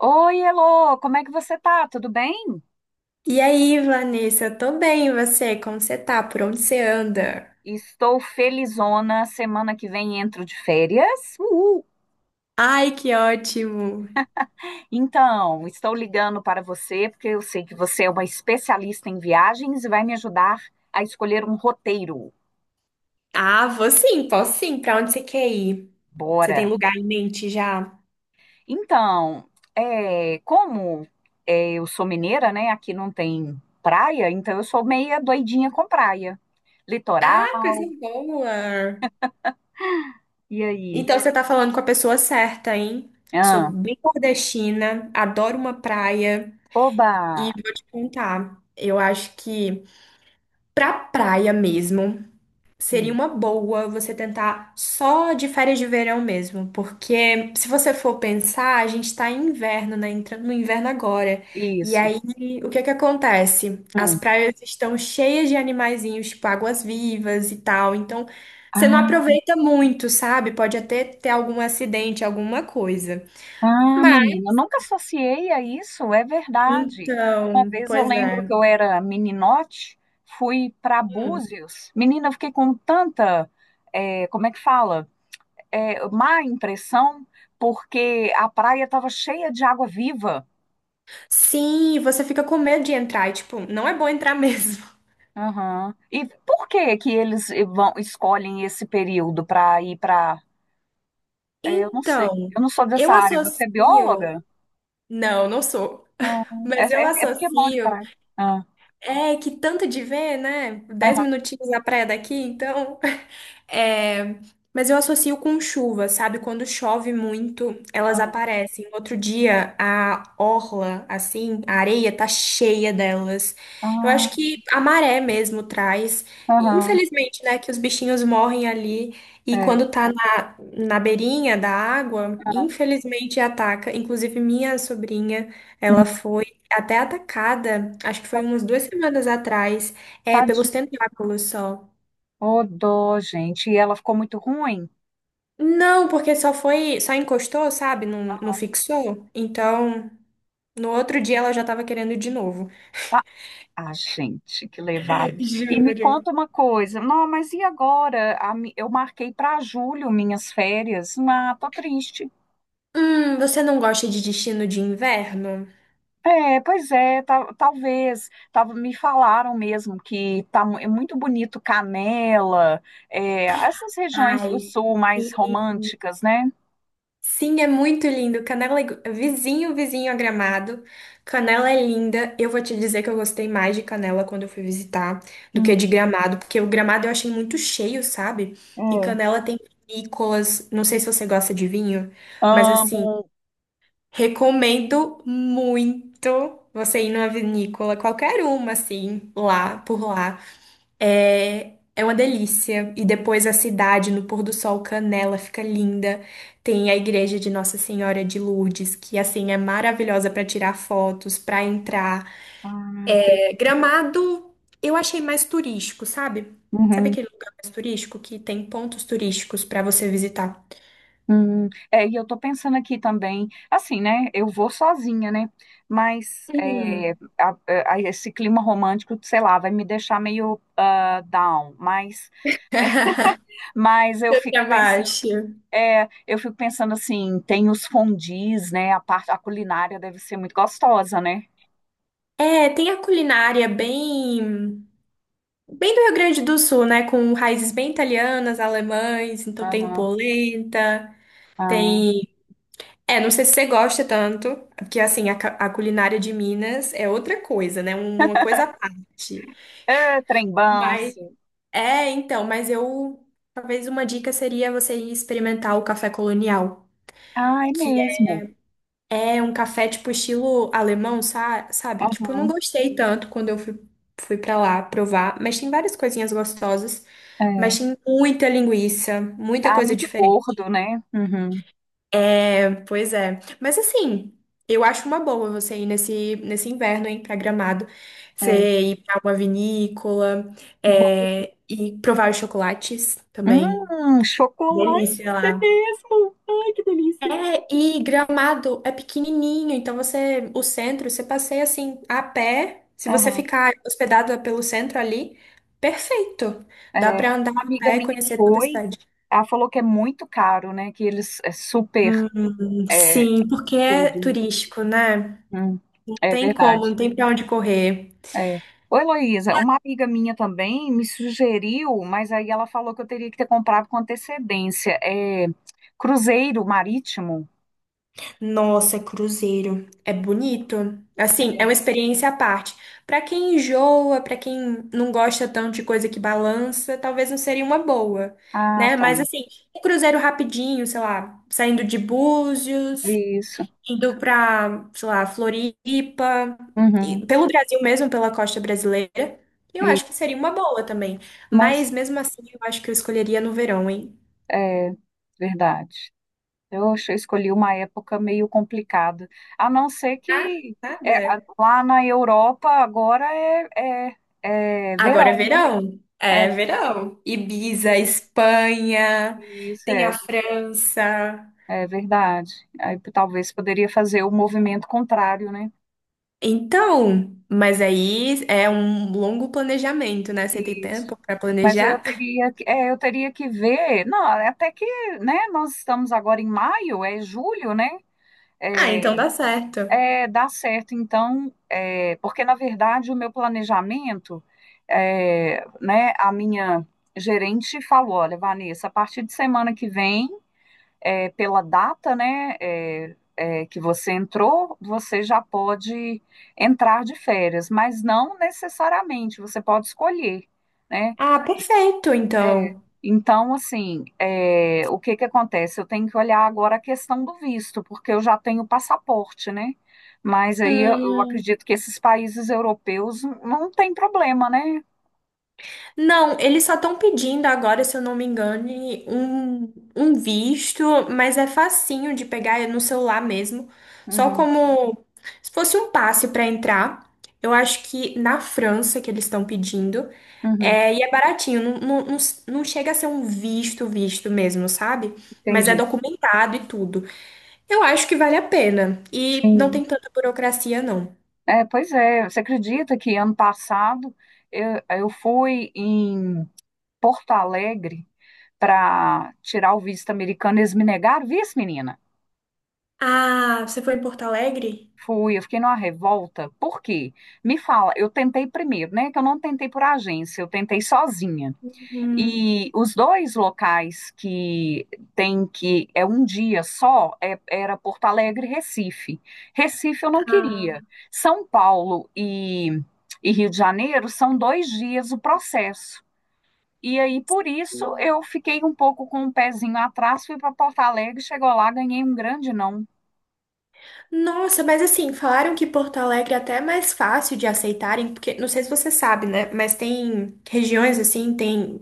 Oi, Elô, como é que você tá? Tudo bem? E aí, Vanessa, eu tô bem, e você? Como você tá? Por onde você anda? Estou felizona. Semana que vem entro de férias. Uhul! Ai, que ótimo! Então, estou ligando para você porque eu sei que você é uma especialista em viagens e vai me ajudar a escolher um roteiro. Ah, vou sim, posso sim. Pra onde você quer ir? Você tem Bora! lugar em mente já? Então, é, como é, eu sou mineira, né? Aqui não tem praia, então eu sou meia doidinha com praia. Ah, coisa Litoral, boa! e aí? Então você tá falando com a pessoa certa, hein? Sou Ah, bem nordestina, adoro uma praia oba! e vou te contar. Eu acho que pra praia mesmo, seria Hum, uma boa você tentar só de férias de verão mesmo, porque se você for pensar, a gente tá em inverno, né? Entrando no inverno agora. E isso. aí, o que que acontece? As Hum. praias estão cheias de animaizinhos, tipo águas-vivas e tal. Então, você não Ah, aproveita muito, sabe? Pode até ter algum acidente, alguma coisa. ah, menina, eu Mas, nunca associei a isso, é verdade. Uma então, vez eu pois lembro que é. eu era meninote, fui para Búzios. Menina, eu fiquei com tanta, como é que fala? Má impressão, porque a praia estava cheia de água viva. Sim, você fica com medo de entrar. E, tipo, não é bom entrar mesmo. Aham. E por que que eles vão, escolhem esse período para ir para. Eu não sei, Então, eu não sou eu dessa área, você é associo. bióloga? Não, não sou. Ah, Mas eu é porque mora em associo. praia. Ah, É que tanto de ver, né? Dez aham, minutinhos na praia daqui, então. É, mas eu associo com chuva, sabe? Quando chove muito, elas ah, aparecem. Outro dia, a orla, assim, a areia tá cheia delas. Eu acho ah. que a maré mesmo traz. E, Aham, infelizmente, né, que os bichinhos morrem ali. E é. quando tá na beirinha da água, infelizmente ataca. Inclusive, minha sobrinha, Hum. ela foi até atacada, acho que foi umas duas semanas atrás, é, pelos Tadinho. tentáculos só. Ô, dó, gente. E ela ficou muito ruim? Não, porque só foi, só encostou, sabe? Não, não fixou. Então, no outro dia ela já tava querendo de novo. Tá? Ah, gente, que levado. E me Juro. conta uma coisa. Não, mas e agora? Eu marquei para julho minhas férias. Ah, tô triste. Você não gosta de destino de inverno? É, pois é, talvez. Tava, me falaram mesmo que é muito bonito Canela, é, essas regiões do Ai, sul mais sim. românticas, né? Sim, é muito lindo. Canela é vizinho, vizinho a Gramado. Canela é linda. Eu vou te dizer que eu gostei mais de Canela quando eu fui visitar do que Hum, de Gramado, porque o Gramado eu achei muito cheio, sabe? E é. Canela tem vinícolas. Não sei se você gosta de vinho, mas assim, Amo. recomendo muito você ir numa vinícola, qualquer uma, assim, lá, por lá. É uma delícia. E depois a cidade, no pôr do sol, Canela, fica linda. Tem a igreja de Nossa Senhora de Lourdes, que assim é maravilhosa para tirar fotos, para entrar. Ah, que É, Gramado, eu achei mais turístico, sabe? Sabe legal. aquele lugar mais turístico que tem pontos turísticos para você visitar? É, e eu tô pensando aqui também, assim, né? Eu vou sozinha, né? Mas é, Hum. a- esse clima romântico, sei lá, vai me deixar meio ah, down. Mas eu fico Pra pensando, baixo. é, eu fico pensando assim, tem os fondues, né? A parte, a culinária deve ser muito gostosa, né? É, tem a culinária bem, bem do Rio Grande do Sul, né? Com raízes bem italianas, alemães, então tem Aham, polenta, ah. tem É, não sei se você gosta tanto, porque assim, a culinária de Minas é outra coisa, né? Uma coisa à parte. É, trem bom, Mas sim. é, então, mas eu talvez uma dica seria você ir experimentar o café colonial, Ah, é que mesmo. é um café tipo estilo alemão, sabe? Tipo, eu não Aham, gostei tanto quando eu fui, fui para lá provar, mas tem várias coisinhas gostosas, mas é. tem muita linguiça, muita Ah, coisa muito gordo, diferente. né? Uhum, Pois é. Mas assim, eu acho uma boa você ir nesse inverno, hein, pra Gramado. é. Você ir pra uma vinícola, é, e provar os chocolates também. Chocolate, isso Delícia é lá. mesmo. Ai, que delícia. É, e Gramado é pequenininho, então você, o centro, você passeia assim, a pé. Se você Aham, ficar hospedado pelo centro ali, perfeito. é. Dá pra andar Uma a amiga pé e minha conhecer toda a foi, cidade. ela falou que é muito caro, né? Que eles é super é, Sim, porque é tudo, né? turístico, né? Hum, Não é tem como, não verdade. tem pra onde correr. É. Ô, Heloísa, uma amiga minha também me sugeriu, mas aí ela falou que eu teria que ter comprado com antecedência. É, cruzeiro marítimo. Nossa, é cruzeiro. É bonito. Assim, é uma É. experiência à parte. Pra quem enjoa, pra quem não gosta tanto de coisa que balança, talvez não seria uma boa, Ah, né? tá. Mas assim, um cruzeiro rapidinho, sei lá, saindo de Búzios, Isso. indo pra, sei lá, Floripa, Uhum. e- pelo Brasil mesmo, pela costa brasileira, eu E- acho que seria uma boa também. Mas mas mesmo assim, eu acho que eu escolheria no verão, hein? é verdade. Eu escolhi uma época meio complicada. A não ser Ah, que é, nada. lá na Europa agora é, é Agora é verão, né? verão. É verão. Ibiza, Espanha, Isso tem a é, França. é verdade. Talvez poderia fazer o movimento contrário, né? Então, mas aí é um longo planejamento, né? Você tem Isso. tempo para Mas eu planejar? teria, é, eu teria que ver. Não, até que, né? Nós estamos agora em maio, é julho, né? Ah, É. então dá certo. É, dá certo, então, é, porque na verdade o meu planejamento, é, né, a minha gerente falou, olha, Vanessa, a partir de semana que vem, é, pela data, né, que você entrou, você já pode entrar de férias, mas não necessariamente, você pode escolher, né? Ah, perfeito, É. então. Então, assim, é, o que que acontece? Eu tenho que olhar agora a questão do visto, porque eu já tenho passaporte, né? Mas aí eu Hum. acredito que esses países europeus não tem problema, né? Não, eles só estão pedindo agora, se eu não me engano, um visto, mas é facinho de pegar é no celular mesmo. Só Uhum, como se fosse um passe para entrar. Eu acho que na França que eles estão pedindo. uhum, É, e é baratinho, não, não, não, não chega a ser um visto, visto mesmo, sabe? Mas é entendi. documentado e tudo. Eu acho que vale a pena. E não Sim. tem tanta burocracia, não. É, pois é, você acredita que ano passado eu fui em Porto Alegre para tirar o visto americano, eles me negaram visto, menina? Ah, você foi em Porto Alegre? Fui, eu fiquei numa revolta. Por quê? Me fala, eu tentei primeiro, né? Que eu não tentei por agência, eu tentei sozinha. Hum, E os dois locais que tem que é um dia só, era Porto Alegre e Recife. Recife eu não Ah. queria. São Paulo e, e Rio de Janeiro são dois dias o processo. E aí, por isso, eu fiquei um pouco com o pezinho atrás, fui para Porto Alegre, chegou lá, ganhei um grande não. Nossa, mas assim, falaram que Porto Alegre é até mais fácil de aceitarem, porque não sei se você sabe, né? Mas tem, regiões assim, tem,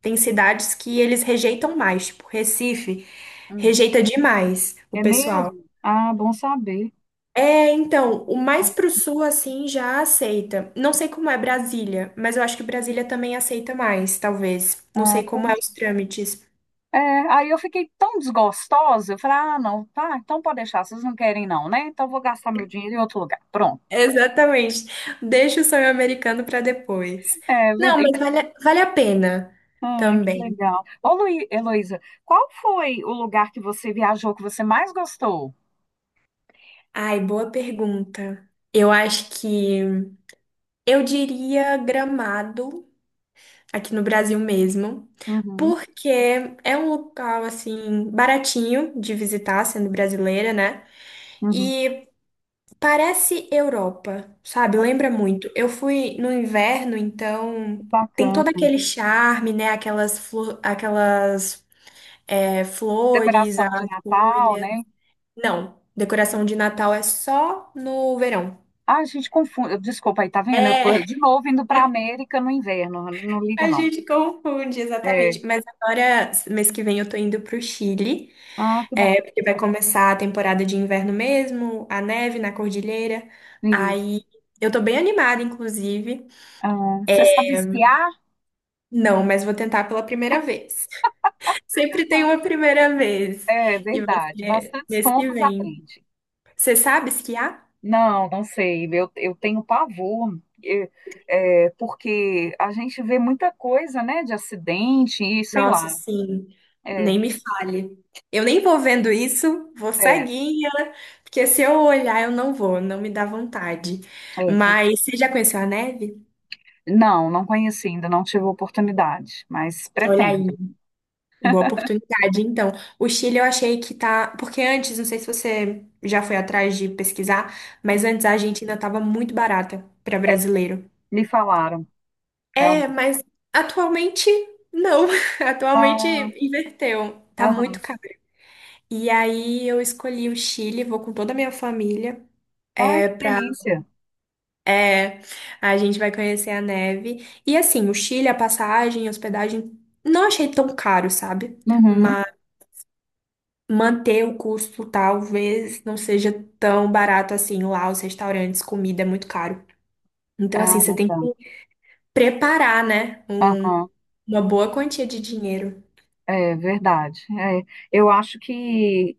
tem cidades que eles rejeitam mais, tipo Recife, Hum, rejeita demais o é pessoal. mesmo? Ah, bom saber. É, então, o mais Mas, pro sul assim já aceita. Não sei como é Brasília, mas eu acho que Brasília também aceita mais, talvez. Não sei ah, como é os trâmites. é, aí eu fiquei tão desgostosa, eu falei, ah, não, tá, então pode deixar, vocês não querem não, né? Então eu vou gastar meu dinheiro em outro lugar. Pronto. Exatamente. Deixa o sonho americano para depois. É Não, verdade. mas vale a pena Ah, que também. legal. Ô, Heloísa, qual foi o lugar que você viajou que você mais gostou? Ai, boa pergunta. Eu acho que eu diria Gramado, aqui no Brasil mesmo, Uhum, porque é um local assim baratinho de visitar, sendo brasileira, né? uhum. E parece Europa, sabe? Ah, Lembra muito. Eu fui no inverno, que então tem bacana. todo aquele charme, né? Aquelas aquelas flores, Decoração as de Natal, folhas. né? Não, decoração de Natal é só no verão. Ah, a gente confunde. Desculpa aí, tá vendo? Eu tô É, de novo indo pra América no inverno, não liga a não. gente confunde, É. exatamente. Mas agora, mês que vem, eu tô indo pro Chile, Ah, que é, bacana. porque vai começar a temporada de inverno mesmo, a neve na cordilheira. Isso. Aí eu tô bem animada, inclusive. Ah, você sabe esquiar? Não, mas vou tentar pela primeira vez. Sempre tem uma primeira vez. É E vai verdade, ser bastante mês que estômagos vem. aprende. Você sabe esquiar? Não, não sei, eu tenho pavor, é, porque a gente vê muita coisa, né, de acidente e sei Nossa, lá. sim, É, nem me fale. Eu nem vou vendo isso, vou é, ceguinha, porque se eu olhar eu não vou, não me dá vontade. é. Mas você já conheceu a neve? Não, não conheci ainda, não tive oportunidade, mas Olha aí, pretendo. boa oportunidade. Então, o Chile eu achei que tá. Porque antes, não sei se você já foi atrás de pesquisar, mas antes a Argentina estava muito barata para É, brasileiro. me falaram, É, realmente. mas atualmente não. Atualmente Ah, inverteu. Tá aham. muito caro. E aí eu escolhi o Chile, vou com toda a minha família. Ai, É que pra, delícia. é, a gente vai conhecer a neve. E assim, o Chile, a passagem, a hospedagem, não achei tão caro, sabe? Uhum. Mas manter o custo talvez não seja tão barato assim. Lá os restaurantes, comida é muito caro. Então, assim, Ah, você tem que tá. preparar, né? Aham. uma boa quantia de dinheiro. É verdade. É, eu acho que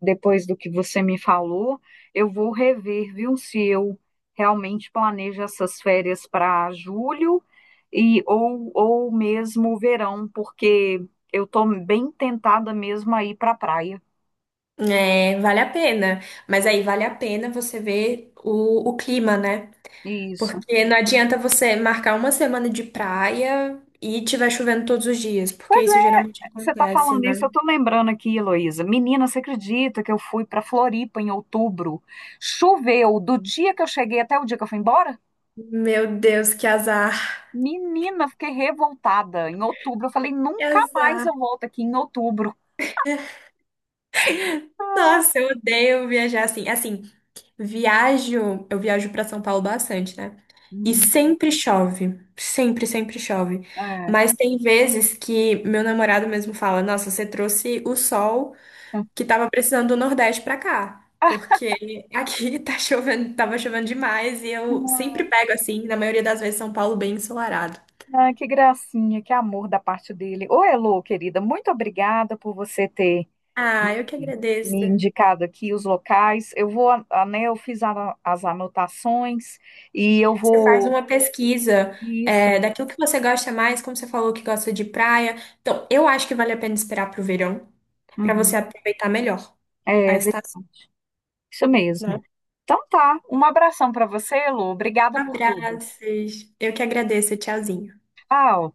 depois do que você me falou, eu vou rever, viu, se eu realmente planejo essas férias para julho e ou mesmo o verão, porque eu estou bem tentada mesmo a ir para a praia. É, vale a pena. Mas aí vale a pena você ver o clima, né? Isso. Porque não adianta você marcar uma semana de praia e tiver chovendo todos os dias, porque Pois isso é, geralmente você está acontece, falando isso, né? eu estou lembrando aqui, Heloísa. Menina, você acredita que eu fui para Floripa em outubro? Choveu do dia que eu cheguei até o dia que eu fui embora? Meu Deus, que azar. Menina, fiquei revoltada. Em outubro, eu falei, Que nunca mais azar. eu volto aqui em outubro. Nossa, eu odeio viajar assim. Assim, viajo, eu viajo pra São Paulo bastante, né? E Uhum. sempre chove, sempre chove. É. Mas tem vezes que meu namorado mesmo fala: Nossa, você trouxe o sol que tava precisando do Nordeste pra cá, porque aqui tá chovendo, tava chovendo demais e eu sempre pego assim, na maioria das vezes, São Paulo bem ensolarado. Ah, que gracinha, que amor da parte dele. Ô, Elô, querida, muito obrigada por você ter Ah, eu que me, agradeço. me indicado aqui os locais. Eu vou, né, eu fiz as anotações e eu Você faz vou. uma pesquisa Isso. é, daquilo que você gosta mais, como você falou que gosta de praia. Então, eu acho que vale a pena esperar pro verão, pra você Uhum. aproveitar melhor a É, ve- estação, isso mesmo. né? Então tá, um abração para você, Elô. Obrigada por tudo. Abraços. Eu que agradeço. Tchauzinho. Tchau.